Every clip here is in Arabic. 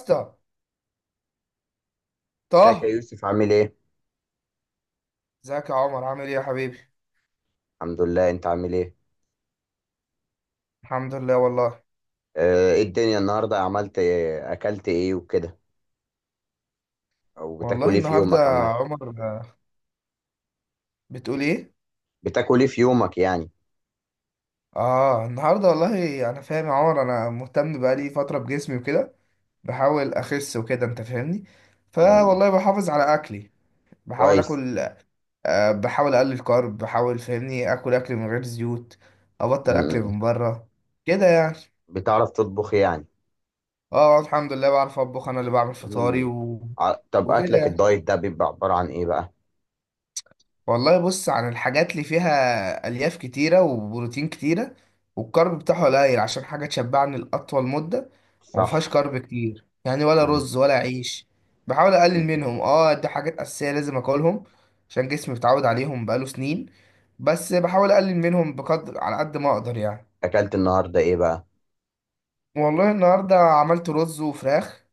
اسطى ازيك يا طه. يوسف؟ عامل ايه؟ ازيك يا عمر، عامل ايه يا حبيبي؟ الحمد لله. انت عامل ايه؟ الحمد لله والله. اه ايه الدنيا النهارده؟ عملت ايه؟ اكلت ايه وكده؟ او بتاكل والله ايه في النهارده يومك عامة؟ يا عمر، بتقول ايه؟ بتاكل ايه في يومك يعني؟ اه النهارده والله انا فاهم يا عمر، انا مهتم بقالي فتره بجسمي وكده، بحاول اخس وكده انت فاهمني. مم. فوالله بحافظ على اكلي، بحاول كويس. اكل. بحاول اقلل كارب، بحاول فاهمني اكل، اكل من غير زيوت، ابطل اكل مم. من بره كده يعني. بتعرف تطبخ يعني؟ اه الحمد لله بعرف اطبخ، انا اللي بعمل فطاري مم. طب وكده اكلك يعني. الدايت ده بيبقى عبارة عن ايه بقى؟ والله بص، عن الحاجات اللي فيها الياف كتيره وبروتين كتيره، والكارب بتاعه قليل، عشان حاجه تشبعني لاطول مده، وما صح. فيهاش كارب كتير يعني، ولا مم. رز ولا عيش. بحاول اقلل منهم، مم. اه دي حاجات اساسيه لازم اكلهم، عشان جسمي متعود عليهم بقاله سنين، بس بحاول اقلل منهم بقدر على قد ما اقدر يعني. اكلت النهارده ايه بقى؟ والله النهارده عملت رز وفراخ،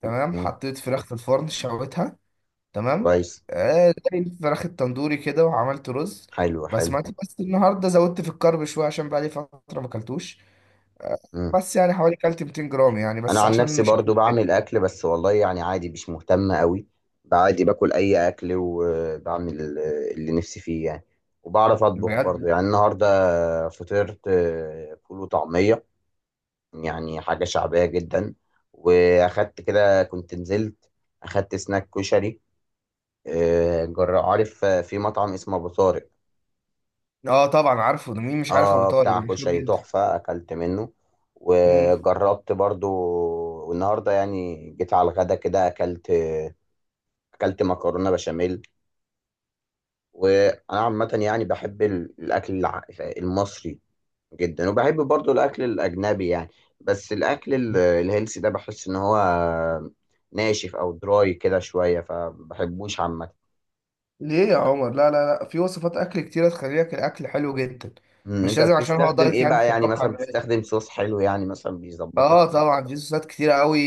تمام، مم. حطيت فراخ في الفرن شويتها، تمام. كويس. آه، زي الفراخ التندوري كده، وعملت رز حلو حلو. بسمتي، بس النهارده زودت في الكرب شويه عشان بقالي فتره ما اكلتش. آه، مم. بس يعني حوالي كلت 200 جرام يعني، انا بس عن عشان نفسي مش هاكل برضو تاني. بعمل اكل، بس والله يعني عادي، مش مهتم قوي. عادي باكل اي اكل، وبعمل اللي نفسي فيه يعني. وبعرف اطبخ برضو بجد؟ يعني. النهارده فطرت فول وطعميه، يعني حاجه شعبيه جدا. واخدت كده، كنت نزلت، اخدت سناك كشري، جر عارف، في مطعم اسمه ابو طارق. اه طبعا عارفه، ده مين مش عارف ابو اه طارق؟ ده بتاع مشهور كشري جدا. تحفه، اكلت منه امم. وجربت برضو. والنهارده يعني جيت على الغدا كده، اكلت، مكرونه بشاميل. وانا عامه يعني بحب الاكل المصري جدا، وبحب برضو الاكل الاجنبي يعني. بس الاكل الهيلثي ده بحس ان هو ناشف او دراي كده شويه، فبحبوش عامه. ليه يا عمر؟ لا، في وصفات اكل كتيره تخلي لك الاكل حلو جدا. مش انت لازم عشان هو بتستخدم دايت ايه يعني بقى؟ يعني تتوقع. مثلا بتستخدم صوص حلو يعني مثلا بيظبط لك اه الدنيا؟ طبعا في صوصات كتيرة قوي.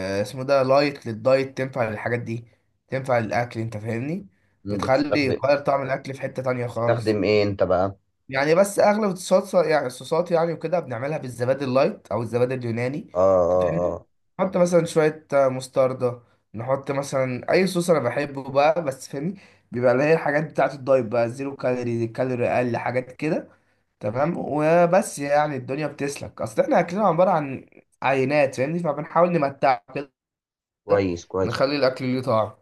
آه، اسمه ده لايت للدايت، تنفع للحاجات دي، تنفع للاكل انت فاهمني. بتخلي بتستخدم تغير طعم الاكل في حتة تانية خالص. بتستخدم ايه انت بقى؟ يعني بس اغلب الصوصات، يعني الصوصات يعني، وكده بنعملها بالزبادي اللايت او الزبادي اليوناني. اه أنت اه اه. فاهمني؟ آه. نحط مثلا شوية مستردة، نحط مثلا اي صوص انا بحبه بقى، بس فاهمني بيبقى اللي هي الحاجات بتاعة الدايت بقى، زيرو كالوري، كالوري اقل حاجات كده، تمام. وبس يعني الدنيا بتسلك، اصل احنا اكلنا عباره عن عينات فاهمني، فبنحاول نمتع كده، كويس كويس. نخلي الاكل ليه طعم.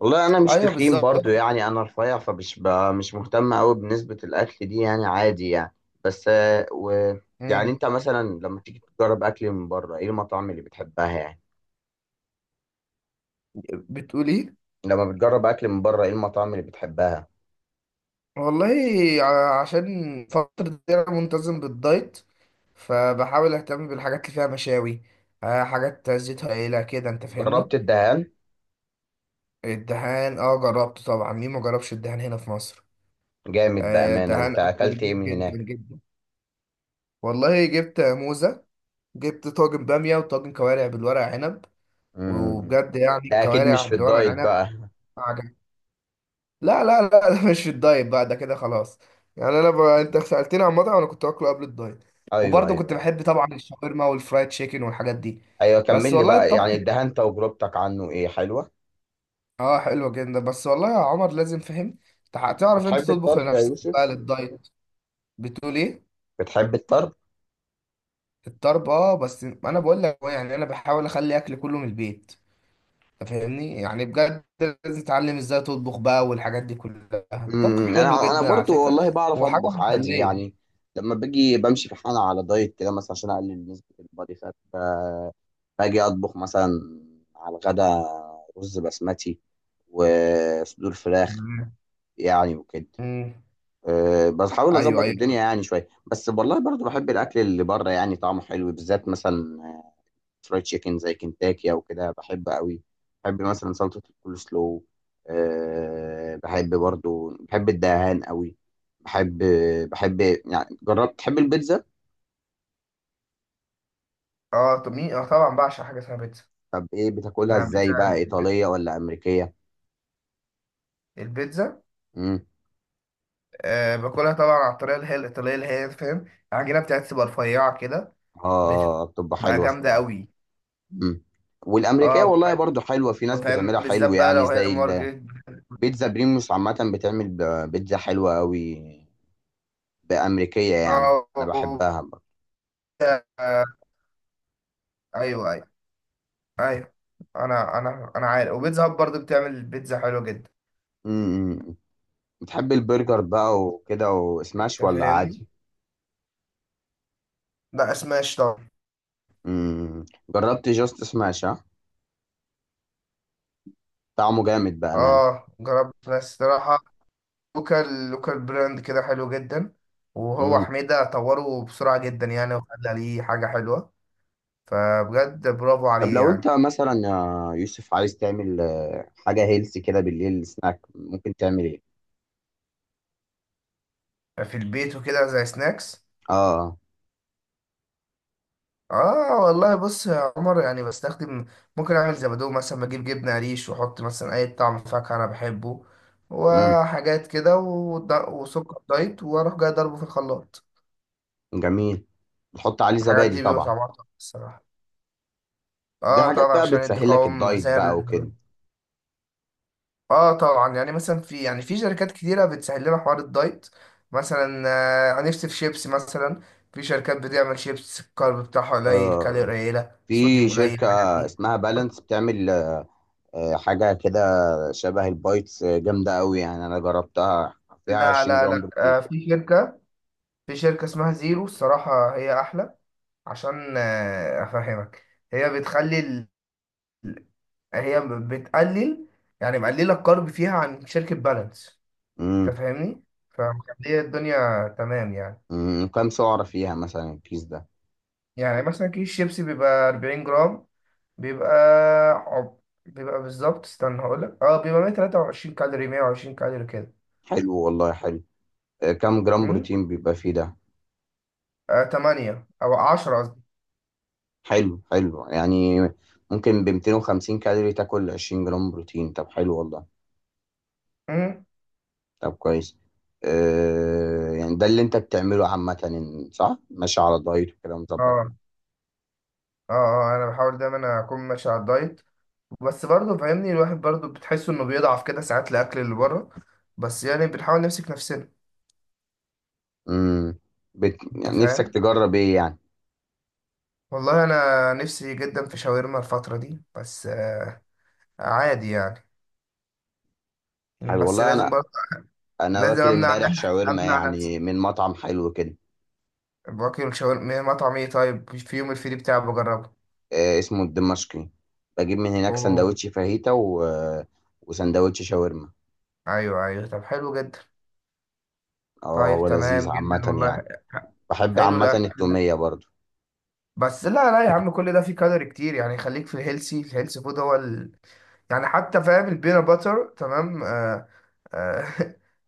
والله انا مش ايوه تخين برضو، بالظبط. يعني انا رفيع، فمش مش مهتم قوي بنسبة الاكل دي يعني، عادي يعني. بس آه، و يعني مم. انت مثلا لما تيجي تجرب اكل من بره، ايه المطاعم اللي بتحبها يعني؟ بتقول ايه؟ لما بتجرب اكل من بره ايه المطاعم اللي بتحبها؟ والله، عشان فتره دي انا منتظم بالدايت، فبحاول اهتم بالحاجات اللي فيها مشاوي، حاجات زيتها قليله كده انت فاهمني. جربت الدهان؟ الدهان اه جربته طبعا، مين ما جربش الدهان هنا في مصر؟ جامد بأمانة. الدهان انت اكله اكلت ايه نضيف من جدا هناك؟ جدا. والله جبت موزه، جبت طاجن بامية وطاجن كوارع بالورق عنب. امم. وبجد يعني ده اكيد مش الكوارع في بالورق الدايت عنب بقى. عجب. لا، ده مش في الدايت بقى، ده كده خلاص. يعني انا انت سألتني عن مطعم انا كنت باكله قبل الدايت، ايوه وبرضه كنت ايوه. بحب طبعا الشاورما والفرايد تشيكن والحاجات دي. ايوه بس كمل لي والله بقى، يعني الطبخ الدهان تجربتك عنه ايه، حلوة؟ اه حلو جدا، بس والله يا عمر لازم فهم، تعرف انت بتحب تطبخ الطرب يا لنفسك بقى يوسف؟ للدايت. بتقول ايه؟ بتحب الطرب؟ الطرب، اه، بس انا بقول لك يعني انا بحاول اخلي اكل كله من البيت فاهمني، يعني بجد لازم تتعلم ازاي تطبخ بقى والحاجات دي كلها، الطبخ امم. حلو انا جدا على برضو فكرة، والله بعرف وحاجة اطبخ عادي يعني. مسلية. لما باجي بمشي في حالة على دايت كده مثلا عشان اقلل نسبة البادي فات، باجي اطبخ مثلا على الغدا، رز بسمتي وصدور فراخ مم. يعني وكده. مم. بحاول ايوه اظبط الدنيا ايوه. يعني شوية. بس والله برضو بحب الاكل اللي بره يعني، طعمه حلو. بالذات مثلا فرايد تشيكن زي كنتاكي او كده، بحب قوي. بحب مثلا سلطه الكول سلو. بحب برضو، بحب الدهان قوي. بحب، بحب يعني. جربت تحب البيتزا؟ اه طب مين، اه طبعا بعشق حاجة اسمها بيتزا. طب ايه بتاكلها يعني ازاي بقى، بيتزا، ايطاليه ولا امريكيه؟ البيتزا، امم. آه، باكلها طبعا على الطريقة اللي هي الإيطالية، اللي هي فاهم، العجينة بتاعتها تبقى رفيعة كده، اه بتبقى بتبقى حلوه جامدة الصراحه. قوي. امم. والامريكيه اه والله برضو حلوه، في ناس فاهم، بتعملها حلو بالذات بقى يعني. لو هي زي مارجريت. البيتزا بريموس عامه، بتعمل بيتزا حلوه قوي بامريكيه يعني، انا اه. بحبها برضو. آه. ايوه ايوه. ايوه. انا عارف، وبيتزا هب برضه بتعمل بيتزا حلوه جدا. امم. بتحب البرجر بقى وكده، وسماش انت ولا فاهمني. عادي؟ لا سماش طبعا. امم. جربت جاست سماش؟ ها، طعمه جامد بأمان. اه جربت، بس صراحه لوكال، لوكال براند كده حلو جدا، وهو امم. حميده طوره بسرعه جدا يعني، وخلى ليه حاجه حلوه، فبجد برافو طب عليه لو انت يعني. مثلا يا يوسف عايز تعمل حاجة هيلث كده بالليل، سناك، ممكن تعمل ايه؟ في البيت وكده زي سناكس. اه. اه والله بص يا عمر، يعني بستخدم، ممكن اعمل زبادو مثلا، بجيب جبنه قريش واحط مثلا اي طعم فاكهه انا بحبه امم. وحاجات كده، وسكر دايت، واروح جاي ضربه في الخلاط. جميل. تحط عليه الحاجات زبادي دي بيبقى طبعا. طعمها تحفة الصراحه. دي اه حاجات طبعا بقى عشان يدي بتسهل لك قوام الدايت زي بقى وكده. اه طبعا يعني مثلا، في يعني في شركات كتيره بتسهل لنا حوار الدايت. مثلا آه، نفسي في شيبس مثلا، في شركات بتعمل شيبس الكارب بتاعها قليل، آه، كالوري قليله، في صوديوم قليل، شركة الحاجات دي. اسمها بالانس بتعمل حاجة كده شبه البايتس، جامدة قوي يعني، انا جربتها، فيها لا، 20 جرام بروتين. في شركة، في شركة اسمها زيرو، الصراحة هي أحلى، عشان أفهمك، هي بتخلي ال... هي بتقلل يعني، مقللة الكارب فيها عن شركة بالانس. أنت امم. فاهمني؟ فمخلية الدنيا تمام يعني. أمم. كام سعرة فيها مثلا الكيس ده؟ يعني مثلا كيس شيبسي بيبقى 40 جرام، بيبقى عب... بيبقى بالظبط، استنى هقولك، اه بيبقى 123 كالوري، 120 كالوري كده. حلو والله، حلو. كام جرام أمم؟ بروتين بيبقى فيه ده؟ آه 8 أو 10 قصدي. حلو، حلو يعني. ممكن ب 250 كالوري تاكل 20 جرام بروتين؟ طب حلو والله. أمم؟ طب كويس. يعني ده اللي انت بتعمله عامة. صح، ماشي على دايت وكده مظبط. اه اه انا بحاول دايما اكون ماشي على الدايت، بس برضه فاهمني، الواحد برضه بتحس انه بيضعف كده ساعات، الاكل اللي بره، بس يعني بنحاول نمسك نفسنا. امم. انت يعني نفسك فاهم. تجرب ايه يعني؟ والله انا نفسي جدا في شاورما الفتره دي، بس عادي يعني، حلو بس والله. لازم برضه، انا لازم واكل امنع امبارح نفسي، شاورما، امنع نفسي. يعني من مطعم حلو كده. باكل شاورما مطعم ايه؟ طيب في يوم الفري بتاعي بجربه. آه، اسمه الدمشقي. بجيب من هناك اوه. سندوتش فاهيتا و... آه، وسندوتش شاورما. ايوه ايوه، طب حلو جدا. اه طيب هو تمام لذيذ جدا عامة يعني. والله. بحب حلو عامة الاكل، التومية برضو. بس لا يا عم، كل ده فيه كالوري كتير يعني، خليك في الهيلسي، يعني حتى فاهم البينات باتر تمام. آه. آه.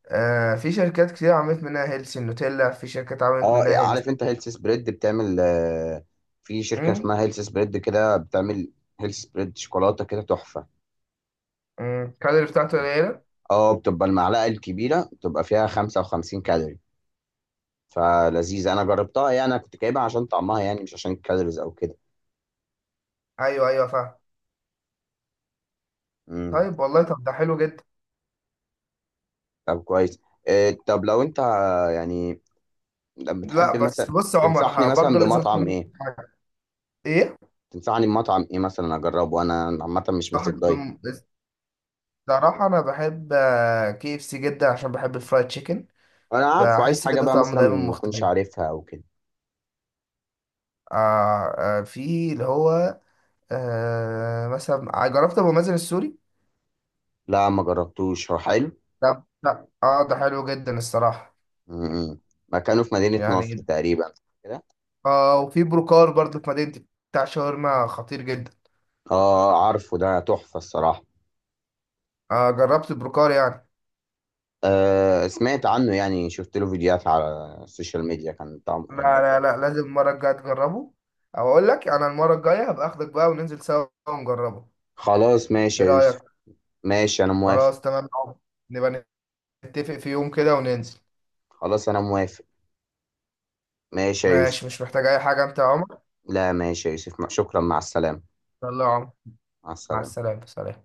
آه في شركات كتير عملت منها هيلسي النوتيلا، في شركات عملت اه منها عارف هيلسي. انت هيلث سبريد بتعمل في شركة امم. اسمها هيلث سبريد كده بتعمل، هيلث سبريد شوكولاتة كده تحفة. الكالوري بتاعته قليلة. اه بتبقى المعلقة الكبيرة بتبقى فيها 55 كالوري، فلذيذة. انا جربتها، يعني انا كنت جايبها عشان طعمها يعني، مش عشان الكالوريز او كده. ايوه ايوه فاهم. امم. طيب والله، طب ده حلو جدا. طب كويس. إيه؟ طب لو انت، يعني، طب بتحب لا بس مثلا؟ بص يا عمر، تنصحني ها، مثلا برضه لازم بمطعم أفهمك ايه؟ حاجة. ايه؟ تنصحني بمطعم ايه مثلا اجربه؟ انا عامه مش ماسك صاحب دايت. بم... الصراحة انا بحب كي اف سي جدا عشان بحب الفرايد تشيكن، انا عارفه. عايز بحس حاجه كده بقى طعمه مثلا دايما ما اكونش مختلف. عارفها او كده. آه. آه، في اللي هو آه مثلا جربت ابو مازن السوري. لا ما جربتوش، هو حلو؟ ده اه ده حلو جدا الصراحه م-م. مكانه في مدينه نصر يعني. تقريبا كده. اه وفي بروكار برضو في مدينتي، بتاع شاورما خطير جدا. اه عارفه، ده تحفه الصراحه. آه جربت البروكار يعني. آه سمعت عنه يعني، شفت له فيديوهات على السوشيال ميديا، كان طعم لا يعني. لا لا لازم المره الجايه تجربه، او اقول لك انا المره الجايه هبقى اخدك بقى وننزل سوا ونجربه. خلاص ماشي ايه يا يوسف. رايك؟ ماشي انا موافق. خلاص تمام يا عمر، نبقى نتفق في يوم كده وننزل. خلاص انا موافق. ماشي يا ماشي، يوسف. مش محتاج اي حاجه انت يا عمر؟ لا ماشي يا يوسف، شكرا. مع السلامه. يلا يا عمر، مع مع السلامه. السلامه، سلام.